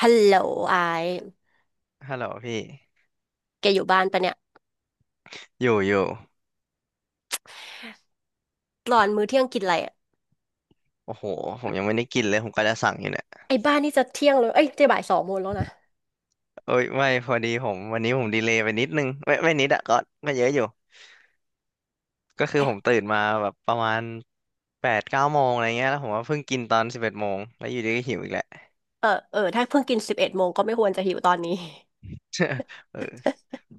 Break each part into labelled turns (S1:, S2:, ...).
S1: ฮัลโหลไอาย
S2: ฮัลโหลพี่
S1: แกอยู่บ้านปะเนี่ย
S2: อยู่อยู่
S1: ตอนมื้อเที่ยงกินอะไรอะ
S2: โอ้โหผมยังไม่ได้กินเลยผมก็จะสั่งอยู่เนี่ย
S1: ไอ้บ้านนี่จะเที่ยงเลย เอ้ยจะบ่ายสองโมงแล้วนะ
S2: เอ้ยไม่พอดีผมวันนี้ผมดีเลย์ไปนิดนึงไม่นิดอะก็เยอะอยู่ก็คือผมตื่นมาแบบประมาณแปดเก้าโมงอะไรเงี้ยแล้วผมว่าเพิ่งกินตอน11 โมงแล้วอยู่ดีก็หิวอีกแหละ
S1: เออ ถ้าเพิ่งกินสิบเอ็ดโมงก็ไม่ควรจะหิวตอนนี้
S2: เออ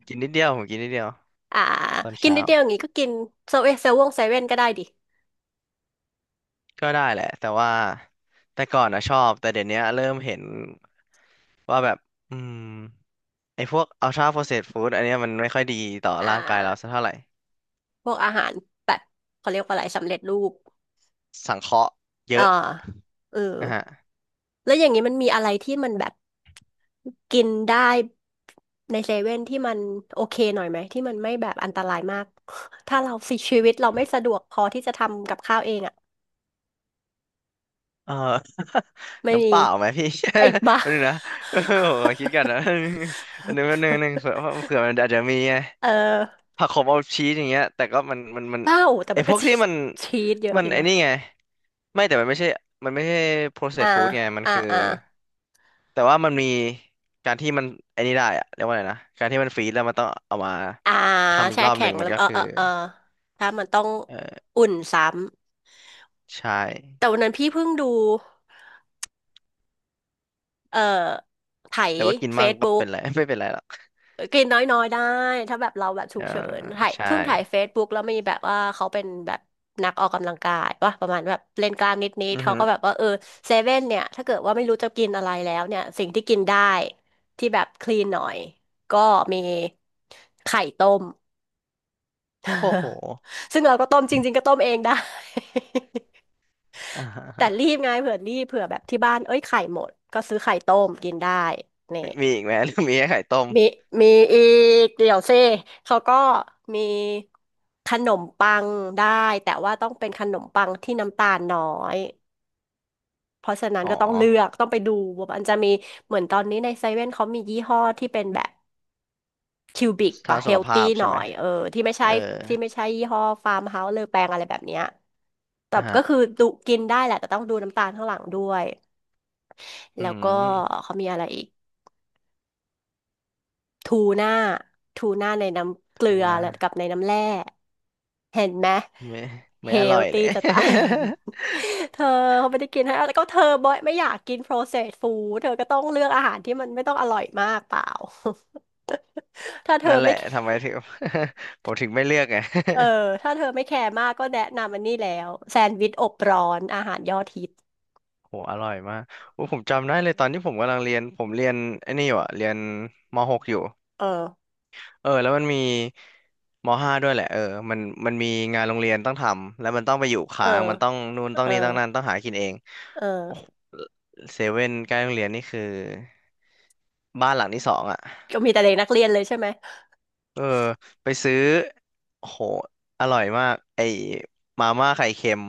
S2: กินนิดเดียวผมกินนิดเดียว
S1: อ่า
S2: ตอน
S1: กิน
S2: เช้า
S1: นิดเดียวอย่างงี้ก็กินเซเว่นก็ได้ดิ
S2: ก็ได้แหละแต่ว่าแต่ก่อนอะชอบแต่เดี๋ยวนี้เริ่มเห็นว่าแบบอืมไอ้พวกอัลทราโปรเซสฟู้ดอันเนี้ยมันไม่ค่อยดีต่อ
S1: อ่
S2: ร่างกายเราสั
S1: า
S2: กเท่าไหร่
S1: พวกอาหารแบบเขาเรียกว่าอะไรสำเร็จรูป
S2: สังเคราะห์เย
S1: อ่า
S2: อะ
S1: เออ
S2: นะฮะ
S1: แล้วอย่างนี้มันมีอะไรที่มันแบบกินได้ในเซเว่นที่มันโอเคหน่อยไหมที่มันไม่แบบอันตรายมาก ถ้าเรา สิชีวิตเราไม่สะดวกพอที่จะทำกับข้าวเองอะ
S2: เออ
S1: ไม่
S2: น้ำเป
S1: มี
S2: ล่าไหมพี่
S1: ไอ้บ้า
S2: อานนี นะเออผมขอคิดกันนะ อันนึงเผื่อ เผื่อมันอาจจะมีไง
S1: เออ
S2: ผักขมเอาชีสอย่างเงี้ยแต่ก็มัน
S1: บ้าโอ้แต่
S2: ไอ
S1: มัน
S2: พ
S1: ก็
S2: วก
S1: ชี
S2: ที่มัน
S1: ชีสเยอะ
S2: มั
S1: อ
S2: น
S1: ยู่
S2: ไอ
S1: นะ
S2: นี่ไงไม่แต่มันไม่ใช่
S1: อ่า
S2: processed food ไงมัน
S1: อ่า
S2: คือ
S1: อ่า
S2: แต่ว่ามันมีการที่มันไอนี่ได้อะเรียกว่าอะไรนะการที่มันฟรีซแล้วมันต้องเอามา
S1: อ่า
S2: ทำอีก
S1: แช่
S2: รอบห
S1: แข็
S2: นึ่
S1: ง
S2: ง
S1: แล้
S2: มัน
S1: ว
S2: ก็
S1: เออ
S2: คือ
S1: ถ้ามันต้อง
S2: เออ
S1: อุ่นซ้
S2: ใช่
S1: ำแต่วันนั้นพี่เพิ่งดูเอ่อไถ
S2: แต่ว่ากิน
S1: เฟ
S2: มั่ง
S1: ซ
S2: ก็
S1: บุ๊ก
S2: เป็นไร ไม่เป็นไรหรอก
S1: กินน้อยๆได้ถ้าแบบเราแบบฉุ
S2: เออ
S1: กเฉินถ่าย
S2: ใช่
S1: เพิ่งถ่าย Facebook แล้วมีแบบว่าเขาเป็นแบบนักออกกำลังกายว่าประมาณแบบเล่นกล้ามนิด
S2: อื
S1: ๆ
S2: อ
S1: เขา
S2: ฮึ
S1: ก็แบบว่าเออเซเว่นเนี่ยถ้าเกิดว่าไม่รู้จะกินอะไรแล้วเนี่ยสิ่งที่กินได้ที่แบบคลีนหน่อยก็มีไข่ต้ม
S2: โอ้โห
S1: ซึ่งเราก็ต้มจริงๆก็ต้มเองได้
S2: อ่าฮะ
S1: แต่
S2: ฮะ
S1: รีบไงเผื่อรีบเผื่อแบบที่บ้านเอ้ยไข่หมดก็ซื้อไข่ต้มกินได้เนี่ย
S2: มีอีกไหมหรือมีแค่ไข่ต้ม
S1: มีมีอีกเดี๋ยวเซิเขาก็มีขนมปังได้แต่ว่าต้องเป็นขนมปังที่น้ำตาลน้อยเพราะฉะนั้น
S2: อ๋อ
S1: ก็ต้องเลือกต้องไปดูว่ามันจะมีเหมือนตอนนี้ในเซเว่นเขามียี่ห้อที่เป็นแบบคิวบิก
S2: ทา
S1: ปะ
S2: ง
S1: เฮ
S2: สุข
S1: ล
S2: ภา
S1: ตี้
S2: พ
S1: ห
S2: ใช่
S1: น่อ
S2: ไหม
S1: ยเออที่ไม่
S2: เอ
S1: ใช่
S2: อ
S1: ยี่ห้อฟาร์มเฮาส์เลอแปงอะไรแบบเนี้ยแต่
S2: อ่าฮะ
S1: ก็คือดูกินได้แหละแต่ต้องดูน้ำตาลข้างหลังด้วย
S2: อื
S1: แล้วก็
S2: ม
S1: เขามีอะไรอีก ทูน่าทูน่าในน้ำเกลื
S2: ทู
S1: อ
S2: นะ
S1: และกับในน้ำแร่เห็นไหม
S2: ไม่
S1: เฮ
S2: ไม่อร่
S1: ล
S2: อยเล
S1: ตี้
S2: ย
S1: จะตาย เธอเขาไม่ได้กินให้แล้วก็เธอบอยไม่อยากกิน processed food เธอก็ต้องเลือกอาหารที่มันไม่ต้องอร่อยมากเปล่า ถ้าเธ
S2: นั่
S1: อ
S2: นแห
S1: ไม่
S2: ละ ทำไมถึง ผมถึงไม่เลือกไง
S1: เออ ถ้าเธอไม่แคร์มากก็แนะนำอันนี้แล้วแซนด์วิชอบร้อนอาหารยอดฮิต
S2: โหอร่อยมากโอ้ผมจำได้เลยตอนที่ผมกำลังเรียน ผมเรียนไอ้นี่อยู่อะเรียนม .6 อยู่
S1: เออ
S2: เออแล้วมันมีมห้าด้วยแหละเออมันมีงานโรงเรียนต้องทำแล้วมันต้องไปอยู่
S1: เออ
S2: ค้างมันต้องนู่นต้อง
S1: เออ
S2: นี่ต้องนั่นต้องหากินเอง
S1: เ
S2: โอ้โห
S1: ออ
S2: เซเว่นใกล้โรงเรียนนี่คือบ้านหลังที่สองอ่ะ
S1: ก็มีแต่เด็กนักเรียนเลยใช่ไหม
S2: เออไปซื้อโอ้โหอร่อยมากไอ้มาม่าไข่เค็ม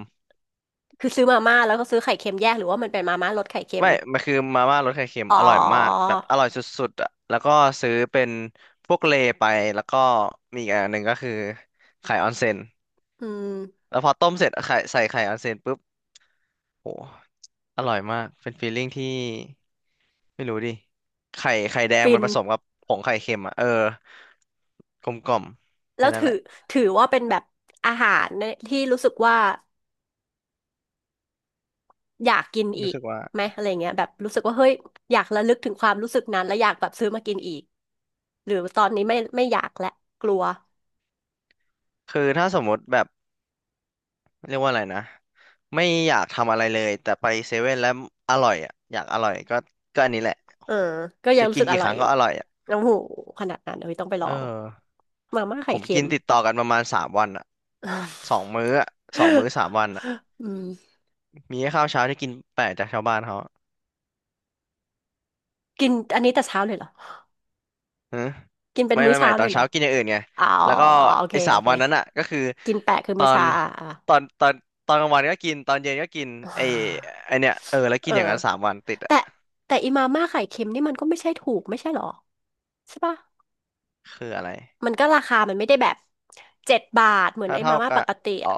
S1: คือซื้อมาม่าแล้วก็ซื้อไข่เค็มแยกหรือว่ามันเป็นมาม่ารสไข่เค็ม
S2: ไม่มันคือมาม่ารสไข่เค็ม
S1: อ๋อ
S2: อร่อยมากแบบอร่อยสุดๆอ่ะแล้วก็ซื้อเป็นพวกเลไปแล้วก็มีอีกอันหนึ่งก็คือไข่ออนเซ็น
S1: อืม
S2: แล้วพอต้มเสร็จไข่ใส่ไข่ออนเซนปุ๊บโหอร่อยมากเป็นฟีลลิ่งที่ไม่รู้ดิไข่ไข่แดง
S1: ฟิ
S2: มัน
S1: น
S2: ผสมกับผงไข่เค็มอ่ะเออกลมกล่อม
S1: แล้
S2: แค่
S1: ว
S2: นั้น
S1: ถื
S2: แห
S1: อ
S2: ละ
S1: ว่าเป็นแบบอาหารเนี่ยที่รู้สึกว่าอยากกินอี
S2: รู้
S1: ก
S2: สึกว่า
S1: ไหมอะไรเงี้ยแบบรู้สึกว่าเฮ้ยอยากระลึกถึงความรู้สึกนั้นแล้วอยากแบบซื้อมากินอีกหรือตอนนี้ไม่อยากและกลัว
S2: คือถ้าสมมติแบบเรียกว่าอะไรนะไม่อยากทำอะไรเลยแต่ไปเซเว่นแล้วอร่อยอ่ะอยากอร่อยก็อันนี้แหละ
S1: เออก็ยัง
S2: จะ
S1: รู้
S2: กิน
S1: สึกอ
S2: กี่ค
S1: ร่อย
S2: รั้ง
S1: อ
S2: ก็
S1: ยู่
S2: อร่อยอ่ะ
S1: โอ้โหขนาดนั้นเลยต้องไปล
S2: เอ
S1: อ
S2: อ
S1: งมาม่าไข่
S2: ผม
S1: เค็
S2: กิ
S1: ม
S2: นติดต่อกันประมาณสามวันอ่ะสองมื้ออ่ะสองมื้อสามวันอ่ะ
S1: อืม
S2: มีแค่ข้าวเช้าที่กินแปลกจากชาวบ้านเขา
S1: กินอันนี้แต่เช้าเลยเหรอ
S2: ฮะ
S1: กินเป็น
S2: ไม่
S1: มื้อ
S2: ไม่ไม่
S1: เช้า
S2: ต
S1: เล
S2: อน
S1: ยเหรอ
S2: เช้ากินอย่างอื่นไง
S1: อ๋อ
S2: แล้วก็
S1: โอเค
S2: ไอ้สา
S1: โอ
S2: ม
S1: เค
S2: วันนั้นอ่ะก็คือ
S1: กินแปะคือ
S2: ตอ
S1: มื้อ
S2: น
S1: เช้าอ่ะ
S2: ตอนตอนตอนกลางวันก็กินตอนเย็นก็กิน
S1: เ
S2: ไอ้
S1: อ
S2: ไอเนี่ยเออแล้ว
S1: อ
S2: กินอย่างนั้นสามวันติดอ่ะ
S1: แต่แต่อีมาม่าไข่เค็มนี่มันก็ไม่ใช่ถูกไม่ใช่หรอใช่ปะ
S2: คืออะไร
S1: มันก็ราคามันไม่ได้แบบเจ็ดบาทเหมือน
S2: ถ้า
S1: ไอ้
S2: เท่า
S1: มาม่าป
S2: กับ
S1: กติ
S2: อ๋อ
S1: อ่ะ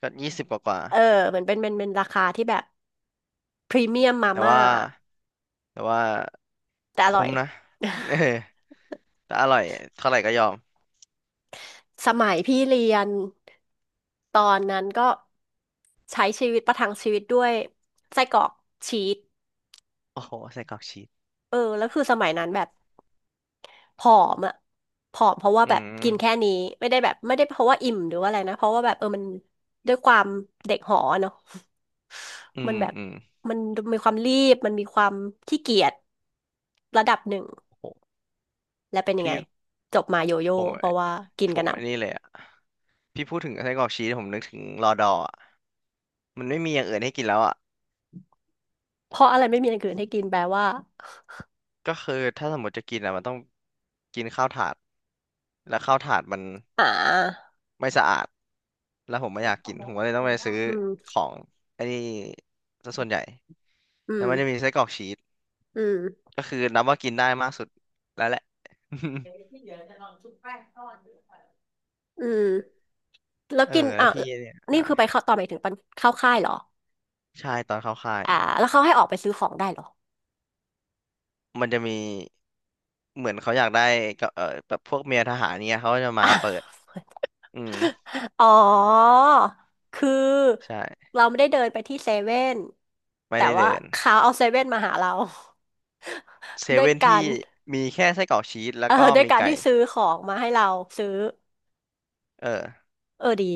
S2: ก็20กว่า
S1: เออเหมือนเป็นราคาที่แบบพรีเมียมมา
S2: แต่
S1: ม่า
S2: ว่าแต่ว่า
S1: แต่อร่
S2: คุ้
S1: อย
S2: มนะ เออแต่อร่อยเท่าไหร่ก็ยอม
S1: สมัยพี่เรียนตอนนั้นก็ใช้ชีวิตประทังชีวิตด้วยไส้กรอกชีส
S2: โอ้โหใส่กรอกชีส
S1: เออแล้วคือสมัยนั้นแบบ ผอมอ่ะผอมเพราะว่า
S2: อื
S1: แบบกินแค่
S2: ม
S1: นี้ไม่ได้แบบไม่ได้เพราะว่าอิ่มหรือว่าอะไรนะเพราะว่าแบบเออมันด้วยความเด็กหอเนาะ
S2: อื
S1: มัน
S2: ม
S1: แบบ
S2: อืม
S1: มันมีความรีบมันมีความขี้เกียจระดับหนึ่ง
S2: โห
S1: และเป็นยังไง
S2: พี่
S1: จบมาโยโย่
S2: ผม
S1: เพราะว่ากิน
S2: ผ
S1: กระ
S2: ม
S1: หน่
S2: ไอ้นี่เลยอ่ะ พี่พูดถึงไส้กรอกชีสผมนึกถึงรอดอร์อ่ะมันไม่มีอย่างอื่นให้กินแล้วอ่ะ
S1: ำเพราะอะไรไม่มีอย่างอื่นให้กินแปลว่า
S2: ก็คือถ้าสมมติจะกินอ่ะมันต้องกินข้าวถาด แล้วข้าวถาดมัน
S1: อ่า
S2: ไม่สะอาดแล้วผมไม่อยากกินผมก็เลยต้องไปซื้อ
S1: อืม
S2: ของไอ้นี่ซะส่วนใหญ่
S1: อื
S2: แล้
S1: ม
S2: วมันจะมีไส้กรอกชีส
S1: อืม
S2: ก็คือนับว่ากินได้มากสุดแล้วแหละ
S1: อืมแล้ ว
S2: เออ
S1: กิน
S2: แล้
S1: อ่ะ
S2: วพี่เนี่ย
S1: นี่
S2: อ่า
S1: คือไปเข้าตอนไปถึงปันเข้าค่ายเหรอ
S2: ใช่ตอนเข้าค่าย
S1: อ่าแล้วเขาให้ออกไปซื้อของได้เหรอ
S2: มันจะมีเหมือนเขาอยากได้กับเออแบบพวกเมียทหารเนี่ยเขาก็จะมา
S1: อ่ะ
S2: เปิด อืม
S1: อ๋อคือ
S2: ใช่
S1: เราไม่ได้เดินไปที่เซเว่น
S2: ไม่
S1: แต่
S2: ได้
S1: ว่า
S2: เดิน
S1: เขาเอาเซเว่นมาหาเรา
S2: เซ
S1: ด้วย
S2: เว่น
S1: กา
S2: ที่
S1: ร
S2: มีแค่ไส้กรอกชีสแล้
S1: เอ
S2: ว
S1: อ
S2: ก็
S1: ด้วย
S2: มี
S1: การ
S2: ไก่
S1: ที่ซื้อของมาให้เราซื้อ
S2: เออ
S1: เออดี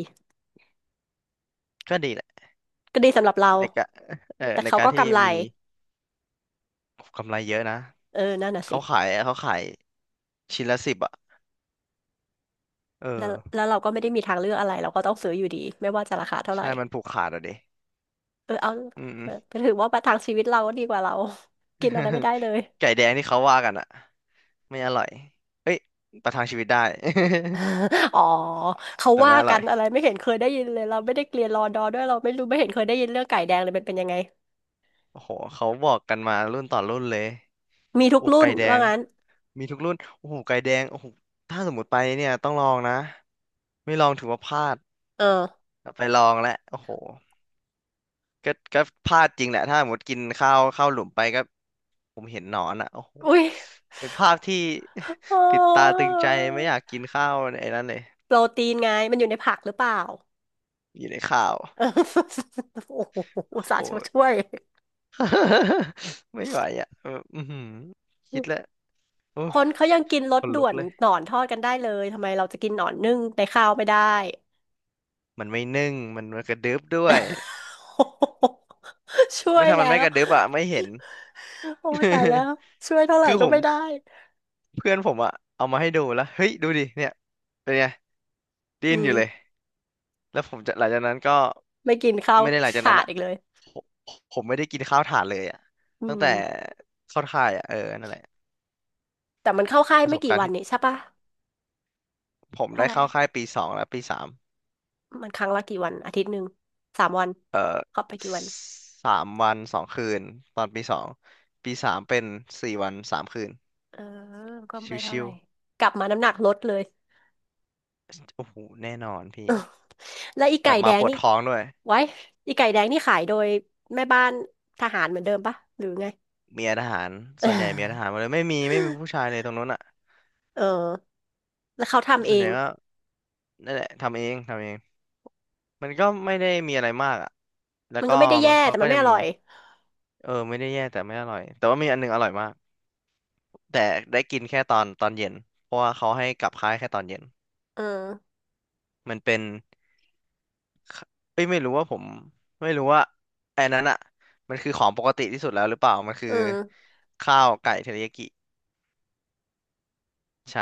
S2: ก็ดีแหละ
S1: ก็ดีสำหรับเรา
S2: ในการเออ
S1: แต่
S2: ใน
S1: เขา
S2: การ
S1: ก็
S2: ที่
S1: กำไร
S2: มีกำไรเยอะนะ
S1: เออนั่นน่ะสิ
S2: เขาขายชิ้นละ 10อ่ะเอ
S1: แล้
S2: อ
S1: วแล้วเราก็ไม่ได้มีทางเลือกอะไรเราก็ต้องซื้ออยู่ดีไม่ว่าจะราคาเท่าไหร่
S2: ใช่มันผูกขาดอ่ะดิ
S1: เออเอา
S2: อื
S1: เออ
S2: ม
S1: ถือว่าประทังชีวิตเราก็ดีกว่าเรา กินอะไรไม่ ได้เลย
S2: ไก่แดงที่เขาว่ากันอ่ะไม่อร่อยเอ้ยประทังชีวิตได้
S1: อ๋อเขา
S2: แต่
S1: ว่า
S2: ไม่อ
S1: กั
S2: ร่อ
S1: น
S2: ย
S1: อะไรไม่เห็นเคยได้ยินเลยเราไม่ได้เรียนรอดอด้วยเราไม่รู้ไม่เห็นเคยได้ยินเรื่องไก่แดงเลยมันเป็นยังไง
S2: โอ้โหเขาบอกกันมารุ่นต่อรุ่นเลย
S1: มีทุ
S2: อ
S1: ก
S2: ก
S1: รุ่น
S2: ไก่แด
S1: ว่า
S2: ง
S1: งั้น
S2: มีทุกรุ่นโอ้โหไก่แดงโอ้โหถ้าสมมติไปเนี่ยต้องลองนะไม่ลองถือว่าพลาด
S1: เออ
S2: ไปลองแล้วโอ้โหก็พลาดจริงแหละถ้าสมมติกินข้าวหลุมไปก็ผมเห็นหนอนอ่ะโอ้โห
S1: อุ้ย
S2: เป็นภาพที่
S1: อ๋
S2: ติดตา
S1: อ
S2: ตึงใจไม่อยากกินข้าวในไอ้นั้นเลย
S1: โปรตีนไงมันอยู่ในผักหรือเปล่า
S2: อยู่ในข้าว
S1: โอ้โหอุ
S2: โอ้
S1: ต
S2: โห
S1: ส่าห์ช่วย
S2: ไม่ไหวอ่ะเอออือหือคิดแล้วโอ้
S1: ค
S2: ย
S1: นเขายังกินร
S2: ข
S1: ส
S2: น
S1: ด่
S2: ลุ
S1: ว
S2: ก
S1: น
S2: เลย
S1: หนอนทอดกันได้เลยทำไมเราจะกินหนอนนึ่งในข้าวไม่ได้
S2: มันไม่นึ่งมันมันกระดึบด้วย
S1: ช่ว
S2: ไม่
S1: ย
S2: ถ้ามัน
S1: แล้
S2: ไม่
S1: ว
S2: กระดึบอ่ะไม่เห็น
S1: โอ้ยตายแล้ วช่วยเท่าไหร่
S2: คือ
S1: ก็
S2: ผม
S1: ไม่ได้
S2: เพื่อนผมอะเอามาให้ดูแล้วเฮ้ยดูดิเนี่ยเป็นไงดิ้น
S1: อื
S2: อ
S1: ม
S2: ยู่เลยแล้วผมจะหลังจากนั้นก็
S1: ไม่กินข้าว
S2: ไม่ได้หลังจาก
S1: ขา
S2: นั้น
S1: ด
S2: อะ
S1: อีกเลย
S2: ผมผมไม่ได้กินข้าวถ่านเลยอะ
S1: อื
S2: ตั้ง
S1: ม
S2: แต่เข้าค่ายอะเออนั่นแหละ
S1: แต่มันเข้าค่าย
S2: ประ
S1: ไม่
S2: สบ
S1: กี่
S2: การณ์
S1: วัน
S2: ที่
S1: นี่ใช่ปะ
S2: ผม
S1: เท่า
S2: ได้
S1: ไห
S2: เข้าค่า
S1: ร่
S2: ยปีสองและปีสาม
S1: มันครั้งละกี่วันอาทิตย์หนึ่งสามวัน
S2: เออ
S1: เข้าไปกี่วัน
S2: 3 วัน 2 คืนตอนปีสองปีสามเป็น4 วัน 3 คืน
S1: เออก็ไม่เท่า
S2: ชิ
S1: ไหร่
S2: ว
S1: กลับมาน้ำหนักลดเลย
S2: ๆโอ้โหแน่นอนพี่
S1: และอี
S2: ก
S1: ไก่
S2: ลับ
S1: แด
S2: มา
S1: ง
S2: ปวด
S1: นี่
S2: ท้องด้วย
S1: ไว้อีไก่แดงนี่ขายโดยแม่บ้านทหารเหมือนเดิมปะหรือไง
S2: เมียทหาร
S1: เอ
S2: ส่วนใหญ่เมียทหารห
S1: อ
S2: มดเลยไม่มีผู้ชายเลยตรงนู้นอ่ะ
S1: เออแล้วเขาทำเอ
S2: ส่วนให
S1: ง
S2: ญ่ก็นั่นแหละทำเองมันก็ไม่ได้มีอะไรมากอ่ะแล้ว
S1: มัน
S2: ก็
S1: ก็ไม่ได้
S2: มั
S1: แย่
S2: นเขา
S1: แต่
S2: ก็
S1: มันไม่
S2: จะ
S1: อ
S2: มี
S1: ร่อย
S2: เออไม่ได้แย่แต่ไม่อร่อยแต่ว่ามีอันหนึงอร่อยมากแต่ได้กินแค่ตอนเย็นเพราะว่าเขาให้กลับค่ายแค่ตอนเย็น
S1: เออ
S2: มันเป็นขเอ้ยไม่รู้ว่าไอ้นั้นอ่ะมันคือของปกติที่สุดแล้วหรือเปล่ามันคื
S1: เอ
S2: อ
S1: อ
S2: ข้าวไก่เทริยากิใช่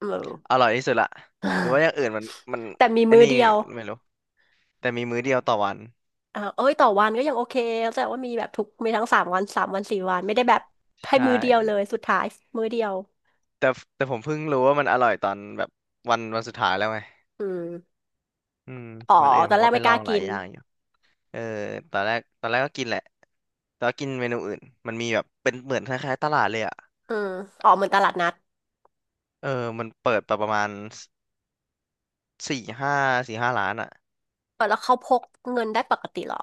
S1: เออ
S2: อร่อยที่สุดละหรือว่าอย่างอื่นมันมัน
S1: แต่มี
S2: ไอ้
S1: มื้อ
S2: นี่
S1: เดียว
S2: ไม่รู้ แต่มีมื้อเดียวต่อวัน
S1: อ่าเอ้ยต่อวันก็ยังโอเคเข้าใจว่ามีแบบทุก มีทั้งสามวันสามวันสี่วันไม่ได้แบบให้มื้
S2: ใช่
S1: อเดียวเลย สุดท้ายมื้อเดียว
S2: แต่แต่ผมเพิ่งรู้ว่ามันอร่อยตอนแบบวันสุดท้ายแล้วไง
S1: อืม
S2: อืม
S1: อ๋อ
S2: วันอื่น
S1: ต
S2: ผ
S1: อน
S2: ม
S1: แร
S2: ก็
S1: ก
S2: ไป
S1: ไม่ก
S2: ลอ
S1: ล้า
S2: งห
S1: กิ
S2: ลาย
S1: น
S2: อย่างอยู่เออตอนแรกก็กินแหละแต่ว่ากินเมนูอื่นมันมีแบบเป็นเหมือนคล้ายๆตลาดเลยอ่ะ
S1: อืมอ๋อเหมือนตลาดนัด
S2: เออมันเปิดประมาณสี่ห้าสี่ห้าร้านอ่ะ
S1: เออแล้วเขาพกเงินได้ปกติเหรอ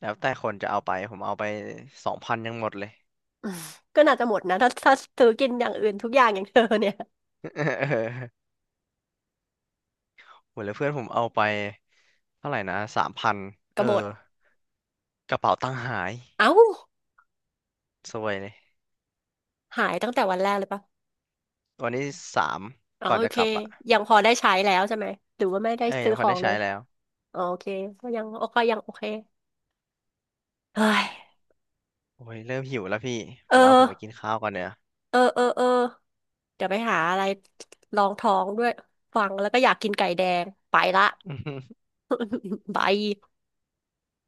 S2: แล้วแต่คนจะเอาไปผมเอาไป2,000ยังหมดเลย
S1: อืมก็น่าจะหมดนะถ้าซื้อกินอย่างอื่นทุกอย่างอย่างเธอเนี่ย
S2: เออหมดเลยเพื่อนผมเอาไปเท่าไหร่นะ3,000
S1: ก็
S2: เอ
S1: หม
S2: อ
S1: ด
S2: กระเป๋าตังค์หาย
S1: เอ้า
S2: ซวยเลย
S1: หายตั้งแต่วันแรกเลยปะ
S2: วันที่สาม
S1: อ๋อ
S2: ก่อน
S1: โอ
S2: จะ
S1: เค
S2: กลับอ่ะ
S1: ยังพอได้ใช้แล้วใช่ไหมหรือว่าไม่ได้
S2: เอ้ย
S1: ซื้
S2: ยั
S1: อ
S2: งพ
S1: ข
S2: อ
S1: อ
S2: ได้
S1: งเล
S2: ใช้
S1: ย
S2: แล้ว
S1: อ๋อโอเคก็ยังโอเคยังโอเคเฮ้ย
S2: โอ้ยเริ่มหิวแล้วพี่ผ
S1: เอ
S2: มว่าผมไป
S1: อ
S2: กินข้าวก่อนเนี่ย
S1: เออเออเออ เดี๋ยวไปหาอะไรรองท้องด้วยฟังแล้วก็อยากกินไก่แดงไปละ บาย